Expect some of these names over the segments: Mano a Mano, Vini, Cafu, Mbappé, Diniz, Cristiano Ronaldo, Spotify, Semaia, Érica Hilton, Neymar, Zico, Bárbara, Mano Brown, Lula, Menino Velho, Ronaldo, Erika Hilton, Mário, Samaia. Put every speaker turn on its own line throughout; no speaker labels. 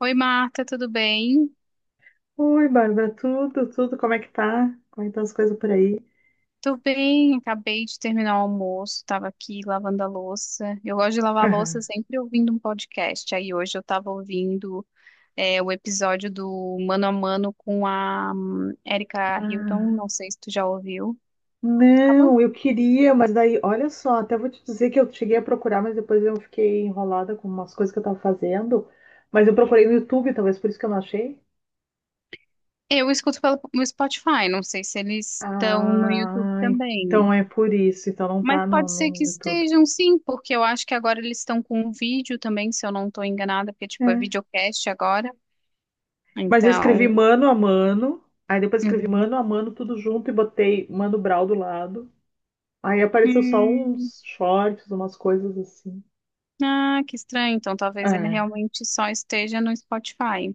Oi, Marta, tudo bem?
Oi, Bárbara, tudo, tudo, como é que tá? Como é que estão as coisas por aí?
Tô bem, acabei de terminar o almoço, tava aqui lavando a louça. Eu gosto de lavar a louça
Aham.
sempre ouvindo um podcast. Aí hoje eu tava ouvindo o episódio do Mano a Mano com a Erika Hilton,
Ah,
não sei se tu já ouviu. Acabou?
não, eu queria, mas daí, olha só, até vou te dizer que eu cheguei a procurar, mas depois eu fiquei enrolada com umas coisas que eu tava fazendo, mas eu procurei no YouTube, talvez por isso que eu não achei.
Eu escuto pelo no Spotify, não sei se eles estão no YouTube
Ah,
também.
então é por isso, então não
Mas
tá no,
pode ser que
no YouTube.
estejam, sim, porque eu acho que agora eles estão com um vídeo também, se eu não estou enganada, porque tipo é
É.
videocast agora.
Mas eu escrevi
Então,
mano a mano, aí depois escrevi
uhum.
mano a mano tudo junto e botei Mano Brown do lado. Aí apareceu só
Hum,
uns shorts, umas coisas assim.
ah, que estranho. Então, talvez ele
É,
realmente só esteja no Spotify.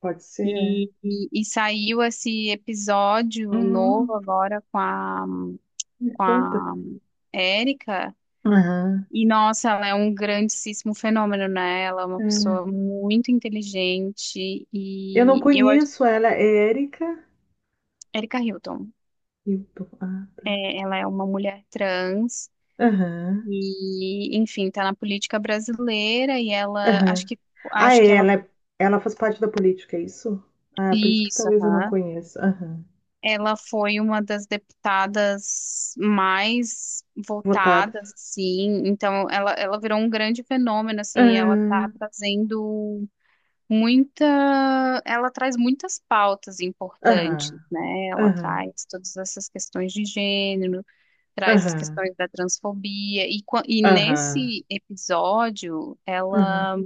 pode ser. É.
E saiu esse episódio novo
Uhum,
agora com a,
me
com
conta.
a Érica.
Aham.
E, nossa, ela é um grandíssimo fenômeno, né? Ela é uma
É.
pessoa muito inteligente.
Eu não
E eu acho.
conheço ela, é Érica
Érica Hilton.
Hilton. Ah, tá.
É, ela é uma mulher trans.
Aham,
E, enfim, tá na política brasileira. E ela. Acho
aham.
que,
Ah,
acho que
é,
ela.
ela faz parte da política, é isso? Ah, por isso que
Isso,
talvez eu não
aham.
conheça. Aham.
Ela foi uma das deputadas mais
Votada.
votadas, assim. Então, ela virou um grande fenômeno, assim. Ela
Aham,
está trazendo muita, ela traz muitas pautas importantes,
aham,
né? Ela
aham,
traz todas essas questões de gênero, traz as
aham,
questões da transfobia. E, e
aham,
nesse episódio,
aham,
ela,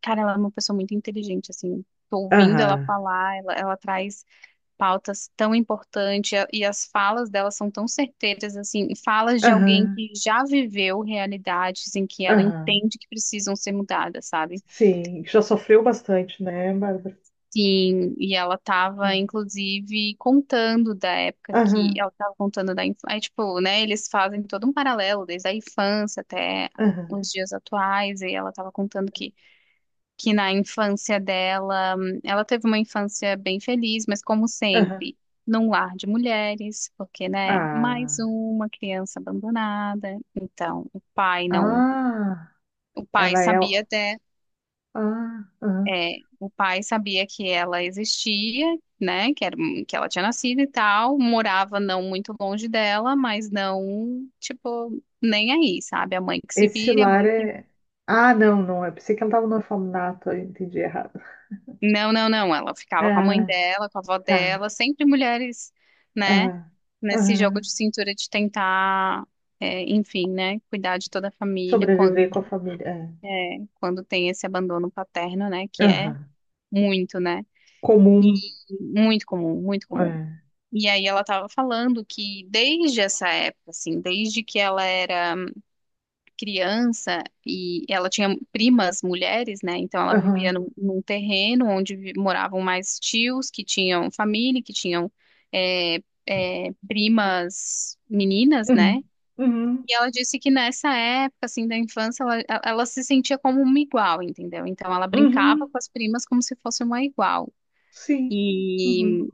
cara, ela é uma pessoa muito inteligente, assim. Tô ouvindo
aham,
ela falar, ela traz pautas tão importantes e e as falas delas são tão certeiras, assim, falas de alguém
aham,
que já viveu realidades em que ela
aham.
entende que precisam ser mudadas, sabe?
Sim, já sofreu bastante, né, Bárbara?
Sim, e ela estava,
É.
inclusive, contando da época que
Aham,
ela estava contando da infância, aí, tipo, né, eles fazem todo um paralelo, desde a infância até
aham,
os dias atuais, e ela estava contando que na infância dela, ela teve uma infância bem feliz, mas, como
aham.
sempre, num lar de mulheres, porque, né, mais
Ah.
uma criança abandonada. Então, o pai não,
Ah,
o pai
ela é.
sabia até,
Ah, ah.
o pai sabia que ela existia, né, que era, que ela tinha nascido e tal, morava não muito longe dela, mas não, tipo, nem aí, sabe? A mãe que se
Esse
vire, a
lar
mãe que.
é. Ah, não, não. Eu pensei que ela estava no orfanato, eu entendi errado.
Não, não, não. Ela ficava com a mãe
Ah,
dela, com a avó
tá.
dela, sempre mulheres, né?
Ah,
Nesse jogo
ah.
de cintura de tentar, é, enfim, né? Cuidar de toda a família
Sobreviver
quando,
com a família. É.
é, quando tem esse abandono paterno, né? Que é
Aham.
muito, né? E
Comum.
muito comum, muito comum.
É.
E aí ela tava falando que desde essa época, assim, desde que ela era criança e ela tinha primas mulheres, né? Então ela vivia
Aham.
num, num terreno onde moravam mais tios que tinham família, que tinham é, primas meninas, né?
Uhum. Uhum.
E ela disse que nessa época, assim, da infância, ela se sentia como uma igual, entendeu? Então ela brincava
Uhum.
com as primas como se fosse uma igual.
Sim. Uhum.
E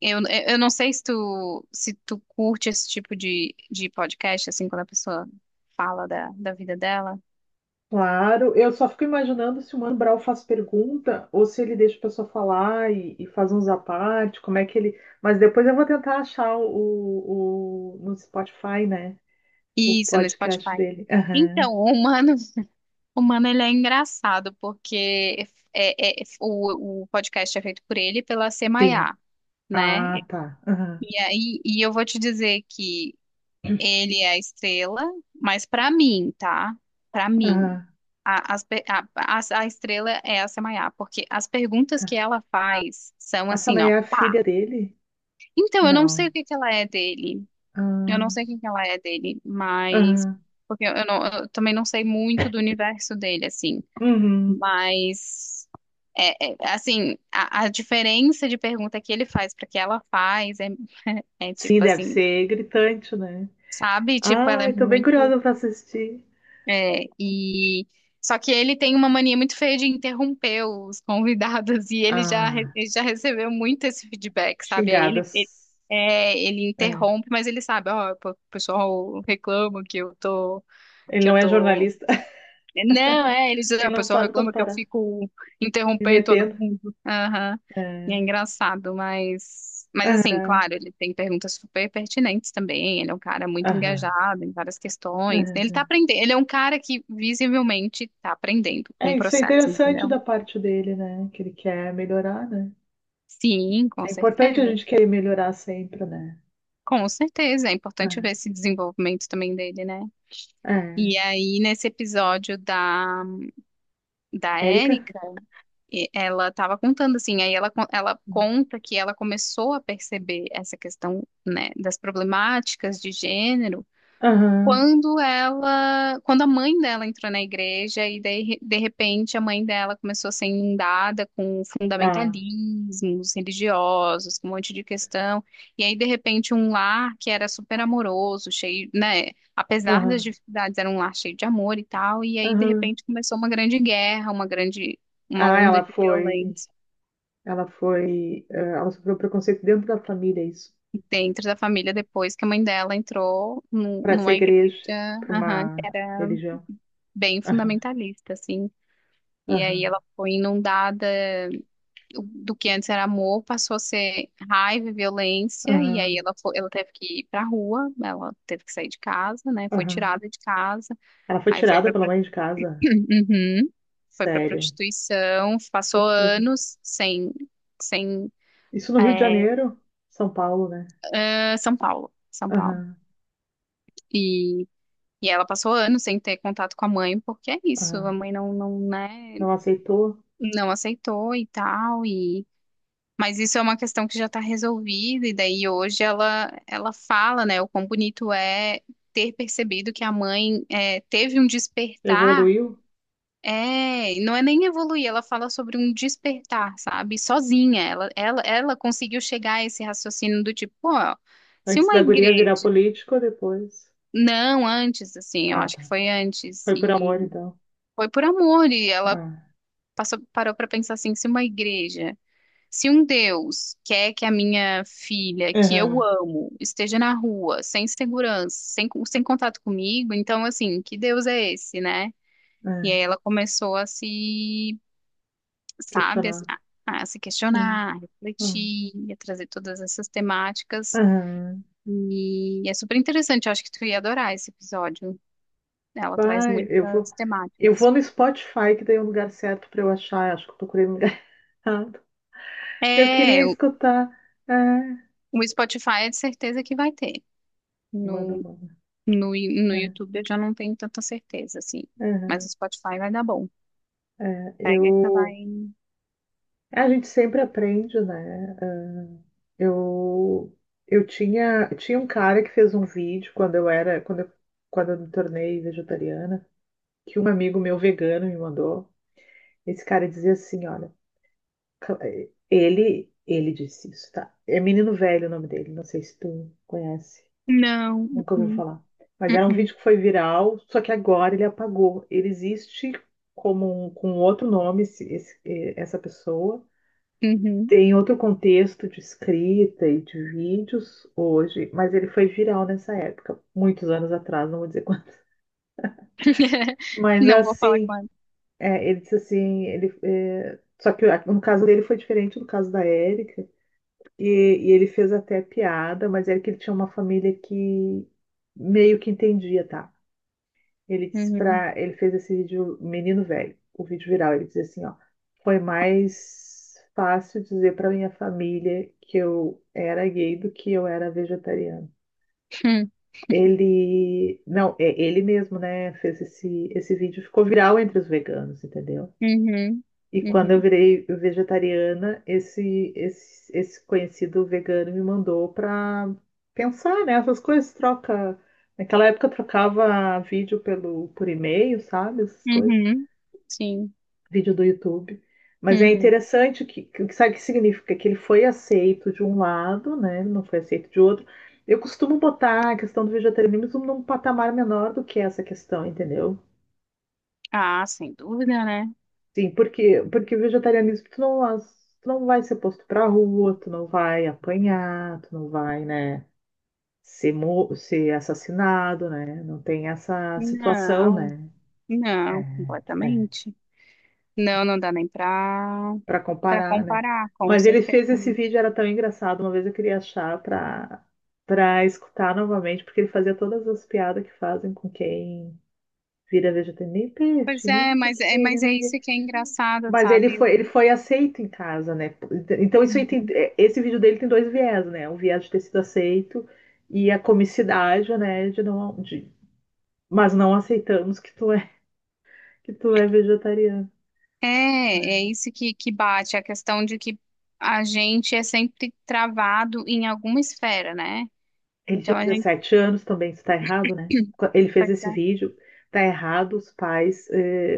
eu, eu não sei se tu curte esse tipo de podcast, assim, quando a pessoa fala da vida dela.
Claro, eu só fico imaginando se o Mano Brown faz pergunta ou se ele deixa a pessoa falar e faz uns à parte, como é que ele. Mas depois eu vou tentar achar o, no Spotify, né? O
Isso, no
podcast
Spotify.
dele. Aham,
Então, o humano ele é engraçado, porque é, o podcast é feito por ele e pela
Sim.
Semaia, né?
Ah, tá. Aham,
E aí, e eu vou te dizer que ele é a estrela, mas pra mim, tá? Pra mim,
Aham,
a, as pe- a estrela é a Semaia, porque as perguntas que
tá.
ela faz são
A
assim, ó.
Samaia é a filha dele?
Então, eu não sei
Não.
o que que ela é dele. Eu não sei
Ah,
quem que ela é dele, mas
Aham.
porque eu não, eu também não sei muito do universo dele, assim.
Uhum.
Mas é, é, assim, a diferença de pergunta que ele faz para que ela faz é, é
Sim,
tipo
deve
assim,
ser gritante, né?
sabe? Tipo, ela é
Ai, tô bem
muito
curiosa pra assistir.
é, e só que ele tem uma mania muito feia de interromper os convidados e ele já
Ah,
ele já recebeu muito esse feedback, sabe? Aí ele
xingadas.
ele, é, ele
É.
interrompe, mas ele sabe, ó, o pessoal reclama que eu tô
Ele
que eu
não é
tô.
jornalista.
Não, é, eles, é,
Ele
o
não
pessoal
sabe quando
reclama que eu
parar.
fico
Me
interrompendo todo
metendo.
mundo. Aham. E é
É.
engraçado, mas assim, claro, ele tem perguntas super pertinentes também. Ele é um cara muito
Aham.
engajado em várias questões. Ele tá
Aham.
aprendendo, ele é um cara que visivelmente tá aprendendo com
É,
o
isso é
processo,
interessante
entendeu?
da parte dele, né? Que ele quer melhorar, né?
Sim,
É
com
importante a
certeza.
gente querer melhorar sempre, né?
Com certeza, é importante ver esse desenvolvimento também dele, né?
É.
E aí, nesse episódio da
É. Érica?
Érica, e ela estava contando assim, aí ela, ela conta que ela começou a perceber essa questão, né, das problemáticas de gênero
Aham.
quando ela, quando a mãe dela entrou na igreja e daí, de repente, a mãe dela começou a ser inundada com
Ah.
fundamentalismos religiosos, com um monte de questão, e aí de repente um lar que era super amoroso, cheio, né, apesar das
Aham.
dificuldades, era um lar cheio de amor e tal, e aí de
Aham.
repente começou uma grande guerra, uma grande, uma
Ah,
onda
ela
de
foi.
violência
Ela foi. Ela sofreu preconceito dentro da família, isso.
dentro da família depois que a mãe dela entrou
Para essa
numa igreja,
igreja, para
aham, que
uma
era
religião.
bem
Aham.
fundamentalista, assim. E aí
Aham.
ela foi inundada do que antes era amor, passou a ser raiva e violência, e aí
Aham.
ela foi, ela teve que ir pra rua, ela teve que sair de casa, né? Foi
Aham.
tirada de casa,
Ela foi
aí foi
tirada
pra,
pela mãe de casa.
uhum, foi pra
Sério.
prostituição, passou
Puxa vida.
anos sem, sem,
Isso no
é,
Rio de Janeiro? São Paulo, né?
ah, São Paulo, São Paulo.
Aham,
E, e ela passou anos sem ter contato com a mãe, porque é isso, a
aham.
mãe não, não, né,
Não aceitou?
não aceitou e tal. Mas isso é uma questão que já está resolvida, e daí hoje ela, ela fala, né, o quão bonito é ter percebido que a mãe é, teve um despertar,
Evoluiu?
é, e não é nem evoluir, ela fala sobre um despertar, sabe? Sozinha, ela conseguiu chegar a esse raciocínio do tipo, pô, se
Antes
uma
da guria virar
igreja.
político ou depois?
Não, antes, assim, eu
Ah,
acho que
tá.
foi antes,
Foi por
e
amor, então.
foi por amor, e ela
Ah.
passou, parou para pensar assim, se uma igreja. Se um Deus quer que a minha filha, que eu
Aham,
amo, esteja na rua, sem segurança, sem, sem contato comigo, então, assim, que Deus é esse, né? E
é.
aí ela começou a se, sabe,
Questionar.
a se
É.
questionar, a
Aham.
refletir, a trazer todas essas temáticas.
Aham.
E é super interessante, eu acho que tu ia adorar esse episódio. Ela traz
Vai, eu vou.
muitas
Eu
temáticas.
vou no Spotify, que daí é o lugar certo pra eu achar. Acho que eu procurei no lugar errado. Eu
É,
queria
o
escutar. É.
o Spotify é de certeza que vai ter.
Mano,
No
mano.
No, no
É.
YouTube eu já não tenho tanta certeza, assim.
Aham.
Mas o Spotify vai dar bom.
É.
Pega que
Eu.
vai.
A gente sempre aprende, né? Ah, Eu, eu tinha um cara que fez um vídeo quando eu era, quando eu me tornei vegetariana, que um amigo meu vegano me mandou. Esse cara dizia assim, olha, cl- ele disse isso, tá? É Menino Velho o nome dele, não sei se tu conhece,
Não.
nunca ouviu
Uh-uh,
falar. Mas era um
uh-uh,
vídeo que foi viral, só que agora ele apagou. Ele existe com outro nome, essa pessoa.
uhum.
Tem outro contexto de escrita e de vídeos hoje, mas ele foi viral nessa época, muitos anos atrás, não vou dizer quando. Mas
Não vou falar
assim,
com ela.
é, ele disse assim, só que ah, no caso dele foi diferente do caso da Érica, e ele fez até piada, mas era que ele tinha uma família que meio que entendia, tá? Ele disse
Uhum.
pra. Ele fez esse vídeo menino velho, o vídeo viral. Ele diz assim, ó, foi mais fácil dizer para minha família que eu era gay do que eu era vegetariano.
Hum,
Ele, não, é ele mesmo, né, fez esse vídeo, ficou viral entre os veganos, entendeu?
uhum.
E quando eu
Uhum.
virei vegetariana, esse conhecido vegano me mandou para pensar, né? Essas coisas troca. Naquela época eu trocava vídeo por e-mail, sabe? Essas coisas.
Uhum. Sim.
Vídeo do YouTube. Mas é
Uhum.
interessante que sabe o que significa? Que ele foi aceito de um lado, né? Não foi aceito de outro. Eu costumo botar a questão do vegetarianismo num patamar menor do que essa questão, entendeu?
Ah, sem dúvida, né?
Sim, porque o vegetarianismo, tu não vai ser posto pra rua, tu não vai apanhar, tu não vai, né, ser assassinado, né? Não tem essa situação,
Não.
né?
Não,
É, é,
completamente. Não, não dá nem pra,
para
pra
comparar, né?
comparar, com
Mas ele
certeza.
fez esse vídeo, era tão engraçado, uma vez eu queria achar pra para escutar novamente, porque ele fazia todas as piadas que fazem com quem vira vegetariano, nem
Pois
peixe, nem
é,
não sei o
mas
que,
é,
nem
mas é
não sei
isso
o quê.
que é engraçado,
Mas ele
sabe?
foi, ele foi aceito em casa, né? Então isso aí esse vídeo dele tem dois viés, né? O viés de ter sido aceito e a comicidade, né? De não, de, mas não aceitamos que tu é vegetariano.
É, é isso que bate, a questão de que a gente é sempre travado em alguma esfera, né?
Ele
Então
tinha
a gente
17 anos também, isso tá errado, né? Ele fez
vai
esse
dar.
vídeo, tá errado os pais eh,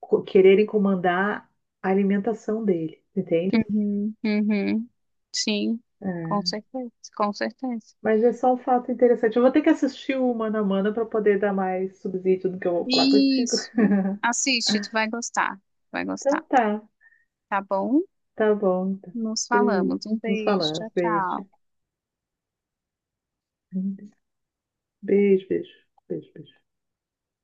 co- quererem comandar a alimentação dele, entende?
Uhum, uhum. Sim, com
É.
certeza, com certeza.
Mas é só um fato interessante. Eu vou ter que assistir o Mano a Mano para poder dar mais subsídio do que eu vou falar contigo.
Isso. Assiste, tu
Ah,
vai gostar. Vai
então
gostar.
tá,
Tá bom?
tá bom. Tá.
Nos
Beijo.
falamos. Um
Nos
beijo.
falamos.
Tchau,
Beijo.
tchau.
Beijo, beijo, beijo, beijo.